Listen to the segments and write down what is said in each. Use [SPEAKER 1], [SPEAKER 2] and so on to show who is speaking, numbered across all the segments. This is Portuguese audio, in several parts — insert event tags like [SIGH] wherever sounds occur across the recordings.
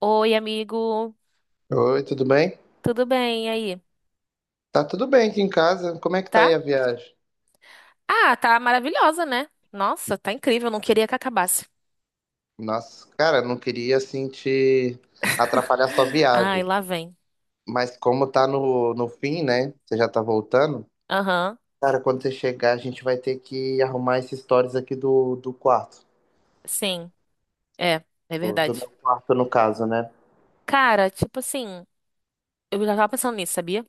[SPEAKER 1] Oi, amigo.
[SPEAKER 2] Oi, tudo bem?
[SPEAKER 1] Tudo bem e aí?
[SPEAKER 2] Tá tudo bem aqui em casa. Como é que tá aí
[SPEAKER 1] Tá?
[SPEAKER 2] a viagem?
[SPEAKER 1] Ah, tá maravilhosa, né? Nossa, tá incrível. Não queria que acabasse.
[SPEAKER 2] Nossa, cara, não queria assim te atrapalhar sua
[SPEAKER 1] [LAUGHS] Ai,
[SPEAKER 2] viagem,
[SPEAKER 1] lá vem.
[SPEAKER 2] mas como tá no fim, né? Você já tá voltando.
[SPEAKER 1] Aham,
[SPEAKER 2] Cara, quando você chegar, a gente vai ter que arrumar esses stories aqui do quarto,
[SPEAKER 1] sim. É, é
[SPEAKER 2] do
[SPEAKER 1] verdade.
[SPEAKER 2] meu quarto no caso, né?
[SPEAKER 1] Cara, tipo assim, eu já tava pensando nisso, sabia?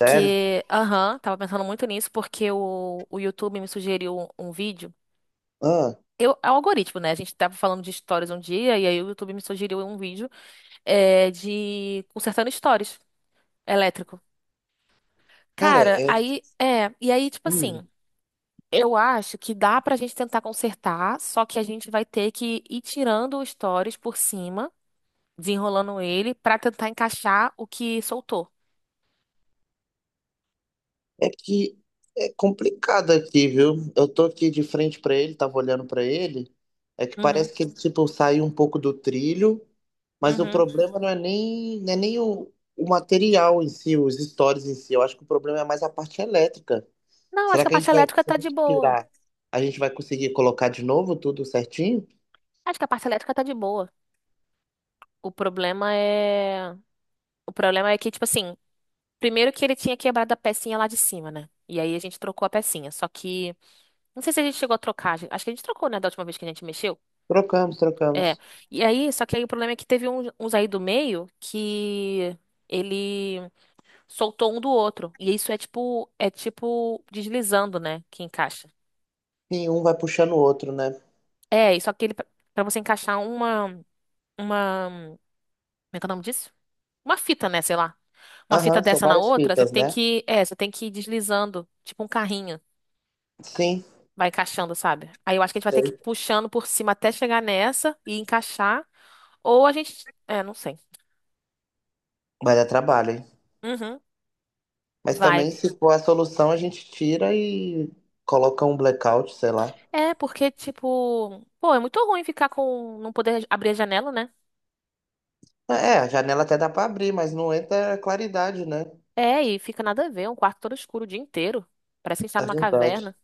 [SPEAKER 2] Sério?
[SPEAKER 1] aham, tava pensando muito nisso porque o YouTube me sugeriu um vídeo.
[SPEAKER 2] Ah,
[SPEAKER 1] É o algoritmo, né? A gente tava falando de histórias um dia e aí o YouTube me sugeriu um vídeo de consertando stories elétrico.
[SPEAKER 2] cara,
[SPEAKER 1] Cara,
[SPEAKER 2] é,
[SPEAKER 1] aí e aí, tipo
[SPEAKER 2] hum,
[SPEAKER 1] assim, eu acho que dá pra gente tentar consertar, só que a gente vai ter que ir tirando os stories por cima, desenrolando ele, pra tentar encaixar o que soltou.
[SPEAKER 2] é que é complicado aqui, viu? Eu tô aqui de frente pra ele, tava olhando pra ele. É que
[SPEAKER 1] Uhum,
[SPEAKER 2] parece que ele, tipo, saiu um pouco do trilho. Mas o
[SPEAKER 1] uhum.
[SPEAKER 2] problema não é nem o material em si, os stories em si. Eu acho que o problema é mais a parte elétrica.
[SPEAKER 1] Não, acho
[SPEAKER 2] Será
[SPEAKER 1] que a
[SPEAKER 2] que a gente
[SPEAKER 1] parte
[SPEAKER 2] vai,
[SPEAKER 1] elétrica
[SPEAKER 2] se a
[SPEAKER 1] tá de
[SPEAKER 2] gente
[SPEAKER 1] boa.
[SPEAKER 2] tirar, a gente vai conseguir colocar de novo tudo certinho?
[SPEAKER 1] Acho que a parte elétrica tá de boa. O problema é. O problema é que, tipo assim, primeiro que ele tinha quebrado a pecinha lá de cima, né? E aí a gente trocou a pecinha. Só que. Não sei se a gente chegou a trocar. Acho que a gente trocou, né, da última vez que a gente mexeu.
[SPEAKER 2] Trocamos,
[SPEAKER 1] É.
[SPEAKER 2] trocamos.
[SPEAKER 1] E aí, só que aí o problema é que teve uns aí do meio que ele soltou um do outro. E isso é tipo, deslizando, né? Que encaixa.
[SPEAKER 2] Sim, um vai puxando o outro, né?
[SPEAKER 1] É, e só que ele, pra você encaixar uma, como é que é o nome disso? Uma fita, né? Sei lá. Uma fita
[SPEAKER 2] Aham, são
[SPEAKER 1] dessa na
[SPEAKER 2] várias
[SPEAKER 1] outra, você
[SPEAKER 2] fitas,
[SPEAKER 1] tem
[SPEAKER 2] né?
[SPEAKER 1] que, é, você tem que ir deslizando, tipo um carrinho.
[SPEAKER 2] Sim,
[SPEAKER 1] Vai encaixando, sabe? Aí eu acho que a gente vai ter que ir
[SPEAKER 2] sei.
[SPEAKER 1] puxando por cima até chegar nessa e encaixar. Ou a gente, não sei.
[SPEAKER 2] Vai dar trabalho, hein?
[SPEAKER 1] Uhum.
[SPEAKER 2] Mas
[SPEAKER 1] Vai.
[SPEAKER 2] também, se for a solução, a gente tira e coloca um blackout, sei lá.
[SPEAKER 1] É, porque, tipo, pô, é muito ruim ficar com, não poder abrir a janela, né?
[SPEAKER 2] É, a janela até dá pra abrir, mas não entra claridade, né?
[SPEAKER 1] É, e fica nada a ver, um quarto todo escuro o dia inteiro. Parece que a gente tá
[SPEAKER 2] É
[SPEAKER 1] numa caverna.
[SPEAKER 2] verdade,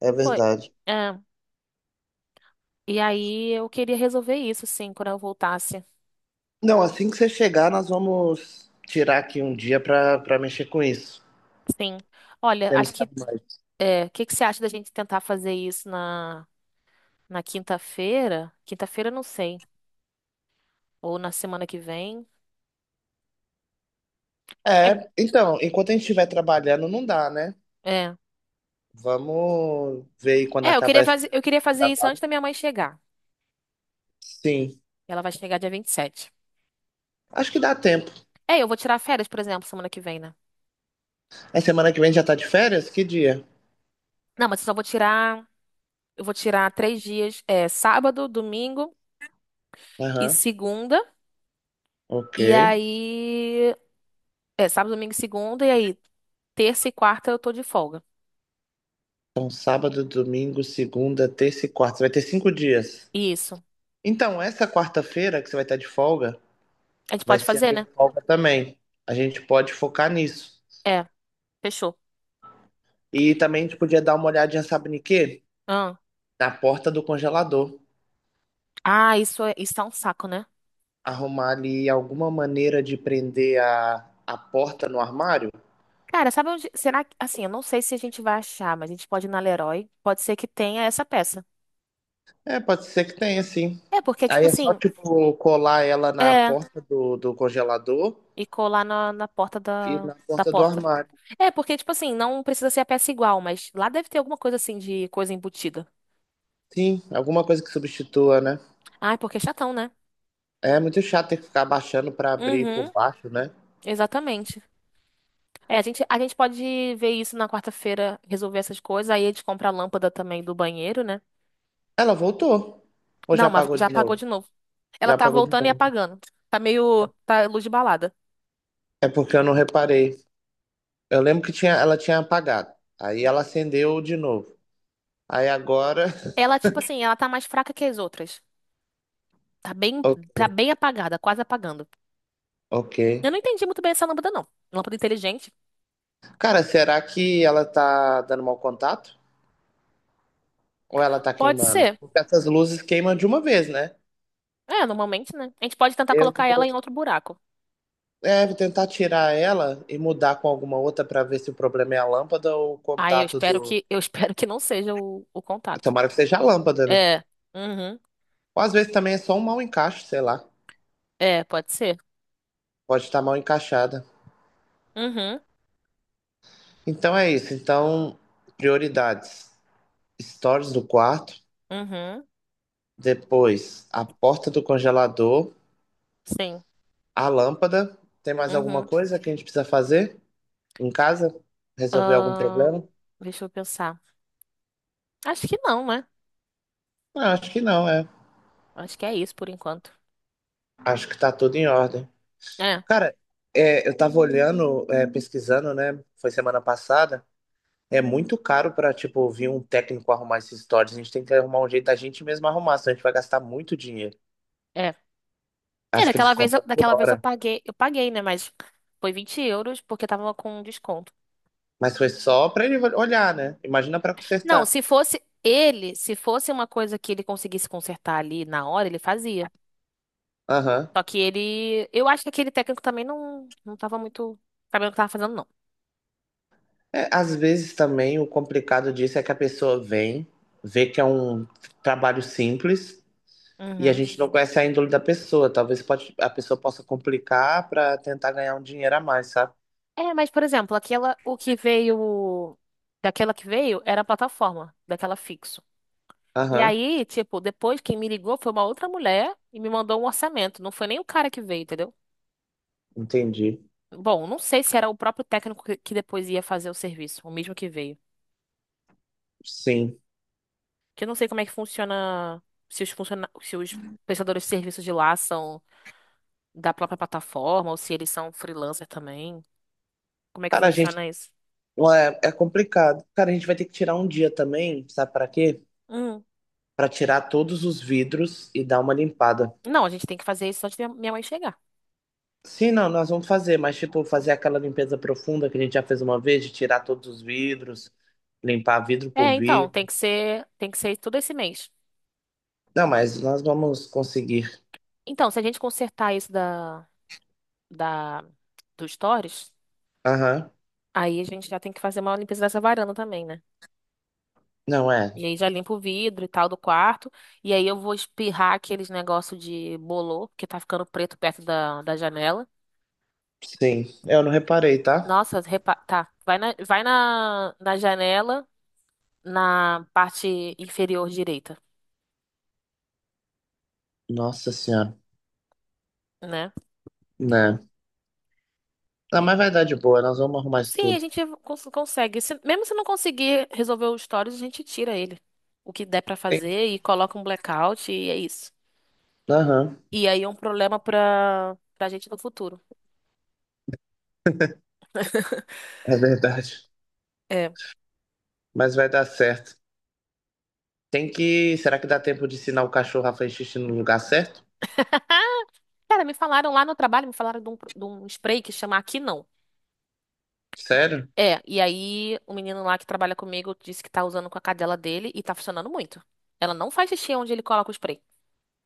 [SPEAKER 2] é
[SPEAKER 1] Pô,
[SPEAKER 2] verdade.
[SPEAKER 1] é. E aí eu queria resolver isso, sim, quando eu voltasse.
[SPEAKER 2] Não, assim que você chegar, nós vamos tirar aqui um dia para mexer com isso.
[SPEAKER 1] Sim. Olha, acho
[SPEAKER 2] Temos que
[SPEAKER 1] que,
[SPEAKER 2] arrumar isso.
[SPEAKER 1] o que que você acha da gente tentar fazer isso na quinta-feira? Quinta-feira, eu não sei. Ou na semana que vem. É,
[SPEAKER 2] É, então, enquanto a gente estiver trabalhando, não dá, né?
[SPEAKER 1] é.
[SPEAKER 2] Vamos ver aí quando
[SPEAKER 1] É, eu
[SPEAKER 2] acabar
[SPEAKER 1] queria
[SPEAKER 2] esse
[SPEAKER 1] fazer, eu queria fazer isso antes
[SPEAKER 2] trabalho.
[SPEAKER 1] da minha mãe chegar.
[SPEAKER 2] Sim,
[SPEAKER 1] Ela vai chegar dia 27.
[SPEAKER 2] acho que dá tempo.
[SPEAKER 1] É, eu vou tirar férias, por exemplo, semana que vem, né?
[SPEAKER 2] A semana que vem já tá de férias? Que dia?
[SPEAKER 1] Não, mas eu só vou tirar. Eu vou tirar 3 dias. É sábado, domingo e
[SPEAKER 2] Aham,
[SPEAKER 1] segunda.
[SPEAKER 2] ok.
[SPEAKER 1] E aí. É sábado, domingo e segunda. E aí, terça e quarta eu tô de folga.
[SPEAKER 2] Então, sábado, domingo, segunda, terça e quarta. Você vai ter cinco dias.
[SPEAKER 1] Isso.
[SPEAKER 2] Então, essa quarta-feira que você vai estar de folga,
[SPEAKER 1] A gente
[SPEAKER 2] vai
[SPEAKER 1] pode
[SPEAKER 2] ser a
[SPEAKER 1] fazer,
[SPEAKER 2] minha
[SPEAKER 1] né?
[SPEAKER 2] folga também. A gente pode focar nisso.
[SPEAKER 1] É, fechou.
[SPEAKER 2] E também a gente podia dar uma olhadinha, sabe em quê?
[SPEAKER 1] Ah,
[SPEAKER 2] Na porta do congelador.
[SPEAKER 1] ah, isso tá um saco, né?
[SPEAKER 2] Arrumar ali alguma maneira de prender a porta no armário?
[SPEAKER 1] Cara, sabe onde. Será que. Assim, eu não sei se a gente vai achar, mas a gente pode ir na Leroy. Pode ser que tenha essa peça.
[SPEAKER 2] É, pode ser que tenha, sim.
[SPEAKER 1] É, porque, tipo
[SPEAKER 2] Aí é só,
[SPEAKER 1] assim.
[SPEAKER 2] tipo, colar ela na
[SPEAKER 1] É.
[SPEAKER 2] porta do congelador
[SPEAKER 1] E colar na porta
[SPEAKER 2] e
[SPEAKER 1] da,
[SPEAKER 2] na
[SPEAKER 1] da
[SPEAKER 2] porta do
[SPEAKER 1] porta.
[SPEAKER 2] armário.
[SPEAKER 1] É, porque, tipo assim, não precisa ser a peça igual, mas lá deve ter alguma coisa assim de coisa embutida.
[SPEAKER 2] Sim, alguma coisa que substitua, né?
[SPEAKER 1] Ai, porque é chatão, né?
[SPEAKER 2] É muito chato ter que ficar abaixando pra abrir por
[SPEAKER 1] Uhum,
[SPEAKER 2] baixo, né?
[SPEAKER 1] exatamente. É, a gente pode ver isso na quarta-feira, resolver essas coisas. Aí a gente compra a lâmpada também do banheiro, né?
[SPEAKER 2] Ela voltou. Ou já
[SPEAKER 1] Não, mas
[SPEAKER 2] apagou
[SPEAKER 1] já
[SPEAKER 2] de
[SPEAKER 1] apagou de
[SPEAKER 2] novo?
[SPEAKER 1] novo. Ela
[SPEAKER 2] Já
[SPEAKER 1] tá
[SPEAKER 2] apagou de
[SPEAKER 1] voltando e
[SPEAKER 2] novo.
[SPEAKER 1] apagando. Tá meio. Tá luz de balada.
[SPEAKER 2] É porque eu não reparei. Eu lembro que tinha, ela tinha apagado. Aí ela acendeu de novo. Aí agora.
[SPEAKER 1] Ela, tipo assim, ela tá mais fraca que as outras. Tá bem,
[SPEAKER 2] [LAUGHS] o-
[SPEAKER 1] tá bem apagada, quase apagando.
[SPEAKER 2] Ok.
[SPEAKER 1] Eu não entendi muito bem essa lâmpada, não. Lâmpada inteligente?
[SPEAKER 2] Cara, será que ela tá dando mau contato? Ou ela tá
[SPEAKER 1] Pode
[SPEAKER 2] queimando?
[SPEAKER 1] ser.
[SPEAKER 2] Porque essas luzes queimam de uma vez, né?
[SPEAKER 1] É, normalmente, né? A gente pode tentar
[SPEAKER 2] Eu
[SPEAKER 1] colocar
[SPEAKER 2] vou,
[SPEAKER 1] ela em outro buraco.
[SPEAKER 2] é, vou tentar tirar ela e mudar com alguma outra pra ver se o problema é a lâmpada ou o
[SPEAKER 1] Aí eu
[SPEAKER 2] contato
[SPEAKER 1] espero
[SPEAKER 2] do.
[SPEAKER 1] que eu espero que não seja o contato.
[SPEAKER 2] Tomara que seja a lâmpada, né?
[SPEAKER 1] É. Uhum.
[SPEAKER 2] Ou às vezes também é só um mau encaixe, sei lá.
[SPEAKER 1] É, pode ser.
[SPEAKER 2] Pode estar mal encaixada.
[SPEAKER 1] Uhum.
[SPEAKER 2] Então é isso. Então, prioridades. Stories do quarto.
[SPEAKER 1] Uhum.
[SPEAKER 2] Depois, a porta do congelador,
[SPEAKER 1] Sim.
[SPEAKER 2] a lâmpada. Tem mais alguma
[SPEAKER 1] Uhum.
[SPEAKER 2] coisa que a gente precisa fazer em casa? Resolver algum
[SPEAKER 1] Ahn,
[SPEAKER 2] problema?
[SPEAKER 1] deixa eu pensar. Acho que não, né?
[SPEAKER 2] Ah, acho que não, é.
[SPEAKER 1] Acho que é isso por enquanto.
[SPEAKER 2] Acho que tá tudo em ordem.
[SPEAKER 1] É,
[SPEAKER 2] Cara, é, eu tava olhando, é, pesquisando, né? Foi semana passada. É muito caro pra, tipo, vir um técnico arrumar esses stories. A gente tem que arrumar um jeito da gente mesmo arrumar, senão a gente vai gastar muito dinheiro.
[SPEAKER 1] é. É,
[SPEAKER 2] Acho que eles
[SPEAKER 1] daquela vez,
[SPEAKER 2] compram por
[SPEAKER 1] daquela vez eu
[SPEAKER 2] hora.
[SPEAKER 1] paguei, eu paguei, né? Mas foi 20 euros porque tava com um desconto.
[SPEAKER 2] Mas foi só pra ele olhar, né? Imagina pra
[SPEAKER 1] Não,
[SPEAKER 2] consertar.
[SPEAKER 1] se fosse ele, se fosse uma coisa que ele conseguisse consertar ali na hora, ele fazia.
[SPEAKER 2] Aham.
[SPEAKER 1] Só que ele, eu acho que aquele técnico também não, não tava muito sabendo o que tava fazendo, não.
[SPEAKER 2] É, às vezes também o complicado disso é que a pessoa vem, vê que é um trabalho simples e a
[SPEAKER 1] Uhum.
[SPEAKER 2] gente não conhece a índole da pessoa. Talvez pode, a pessoa possa complicar para tentar ganhar um dinheiro a mais, sabe?
[SPEAKER 1] É, mas, por exemplo, aquela, o que veio, daquela que veio era a plataforma, daquela fixo. E
[SPEAKER 2] Aham,
[SPEAKER 1] aí, tipo, depois quem me ligou foi uma outra mulher e me mandou um orçamento. Não foi nem o cara que veio, entendeu?
[SPEAKER 2] entendi.
[SPEAKER 1] Bom, não sei se era o próprio técnico que depois ia fazer o serviço, o mesmo que veio.
[SPEAKER 2] Sim.
[SPEAKER 1] Que eu não sei como é que funciona, se os prestadores de serviços de lá são da própria plataforma ou se eles são freelancer também. Como é que
[SPEAKER 2] Cara, a gente.
[SPEAKER 1] funciona isso?
[SPEAKER 2] É, é complicado. Cara, a gente vai ter que tirar um dia também, sabe para quê?
[SPEAKER 1] Hum.
[SPEAKER 2] Para tirar todos os vidros e dar uma limpada.
[SPEAKER 1] Não, a gente tem que fazer isso antes de minha mãe chegar.
[SPEAKER 2] Sim, não, nós vamos fazer, mas tipo, fazer aquela limpeza profunda que a gente já fez uma vez, de tirar todos os vidros, limpar vidro por
[SPEAKER 1] É, então, tem
[SPEAKER 2] vidro.
[SPEAKER 1] que ser, tem que ser todo esse mês.
[SPEAKER 2] Não, mas nós vamos conseguir.
[SPEAKER 1] Então, se a gente consertar isso da, do Stories,
[SPEAKER 2] Aham.
[SPEAKER 1] aí a gente já tem que fazer uma limpeza dessa varanda também, né?
[SPEAKER 2] Não é.
[SPEAKER 1] E aí já limpa o vidro e tal do quarto. E aí eu vou espirrar aqueles negócio de bolor, que tá ficando preto perto da janela.
[SPEAKER 2] Sim. Eu não reparei, tá?
[SPEAKER 1] Nossa, tá. Vai na janela, na parte inferior direita,
[SPEAKER 2] Nossa senhora.
[SPEAKER 1] né?
[SPEAKER 2] Né. Não, mas vai dar de boa. Nós vamos arrumar isso
[SPEAKER 1] Sim, a
[SPEAKER 2] tudo.
[SPEAKER 1] gente consegue. Mesmo se não conseguir resolver o stories, a gente tira ele. O que der pra
[SPEAKER 2] Tem-
[SPEAKER 1] fazer e coloca um blackout e é isso.
[SPEAKER 2] Aham.
[SPEAKER 1] E aí é um problema pra gente no futuro.
[SPEAKER 2] É verdade.
[SPEAKER 1] É.
[SPEAKER 2] Mas vai dar certo. Tem que. Será que dá tempo de ensinar o cachorro a fazer xixi no lugar certo?
[SPEAKER 1] Cara, me falaram lá no trabalho, me falaram de um spray que chama Aqui Não.
[SPEAKER 2] Sério?
[SPEAKER 1] É, e aí o menino lá que trabalha comigo disse que tá usando com a cadela dele e tá funcionando muito. Ela não faz xixi onde ele coloca o spray.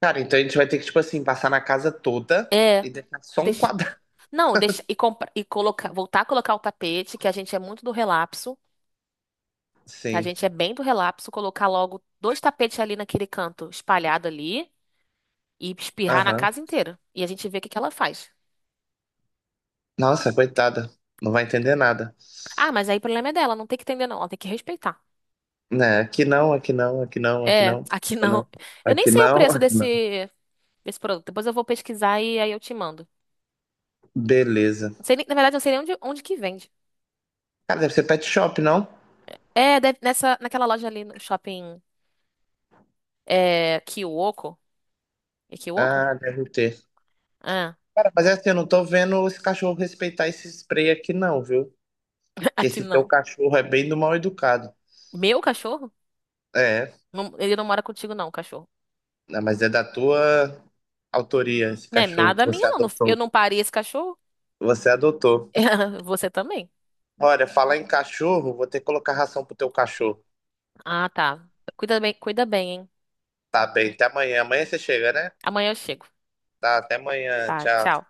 [SPEAKER 2] Cara, então a gente vai ter que, tipo assim, passar na casa toda
[SPEAKER 1] É,
[SPEAKER 2] e deixar só um
[SPEAKER 1] deixa,
[SPEAKER 2] quadrado.
[SPEAKER 1] não, deixa e, compra, e coloca, voltar a colocar o tapete, que a gente é muito do relapso. A
[SPEAKER 2] Sim.
[SPEAKER 1] gente é bem do relapso colocar logo dois tapetes ali naquele canto espalhado ali e espirrar na
[SPEAKER 2] Aham.
[SPEAKER 1] casa inteira. E a gente vê o que que ela faz.
[SPEAKER 2] Nossa, coitada. Não vai entender nada.
[SPEAKER 1] Ah, mas aí o problema é dela, não tem que entender não, ela tem que respeitar.
[SPEAKER 2] Né? Aqui não, aqui não, aqui não, aqui
[SPEAKER 1] É,
[SPEAKER 2] não,
[SPEAKER 1] aqui
[SPEAKER 2] aqui não,
[SPEAKER 1] não. Eu nem
[SPEAKER 2] aqui
[SPEAKER 1] sei o
[SPEAKER 2] não,
[SPEAKER 1] preço
[SPEAKER 2] aqui não.
[SPEAKER 1] desse produto. Depois eu vou pesquisar e aí eu te mando.
[SPEAKER 2] Beleza.
[SPEAKER 1] Não sei na verdade, eu não sei nem onde que vende.
[SPEAKER 2] Cara, deve ser pet shop, não?
[SPEAKER 1] É, nessa, naquela loja ali no shopping Kiwoko. É Kiwoko?
[SPEAKER 2] Ah, deve ter.
[SPEAKER 1] Ah,
[SPEAKER 2] Cara, mas é assim, eu não tô vendo esse cachorro respeitar esse spray aqui, não, viu?
[SPEAKER 1] [LAUGHS]
[SPEAKER 2] Que
[SPEAKER 1] aqui
[SPEAKER 2] esse teu
[SPEAKER 1] não.
[SPEAKER 2] cachorro é bem do mal educado.
[SPEAKER 1] Meu cachorro?
[SPEAKER 2] É,
[SPEAKER 1] Ele não mora contigo não, cachorro.
[SPEAKER 2] né, mas é da tua autoria esse
[SPEAKER 1] Não é
[SPEAKER 2] cachorro que
[SPEAKER 1] nada
[SPEAKER 2] você
[SPEAKER 1] minha não. Eu
[SPEAKER 2] adotou.
[SPEAKER 1] não parei esse cachorro.
[SPEAKER 2] Você adotou.
[SPEAKER 1] [LAUGHS] Você também.
[SPEAKER 2] Olha, falar em cachorro, vou ter que colocar ração pro teu cachorro.
[SPEAKER 1] Ah, tá. Cuida bem, hein?
[SPEAKER 2] Tá bem, até amanhã. Amanhã você chega, né?
[SPEAKER 1] Amanhã eu chego.
[SPEAKER 2] Tá, até amanhã.
[SPEAKER 1] Tá,
[SPEAKER 2] Tchau.
[SPEAKER 1] tchau.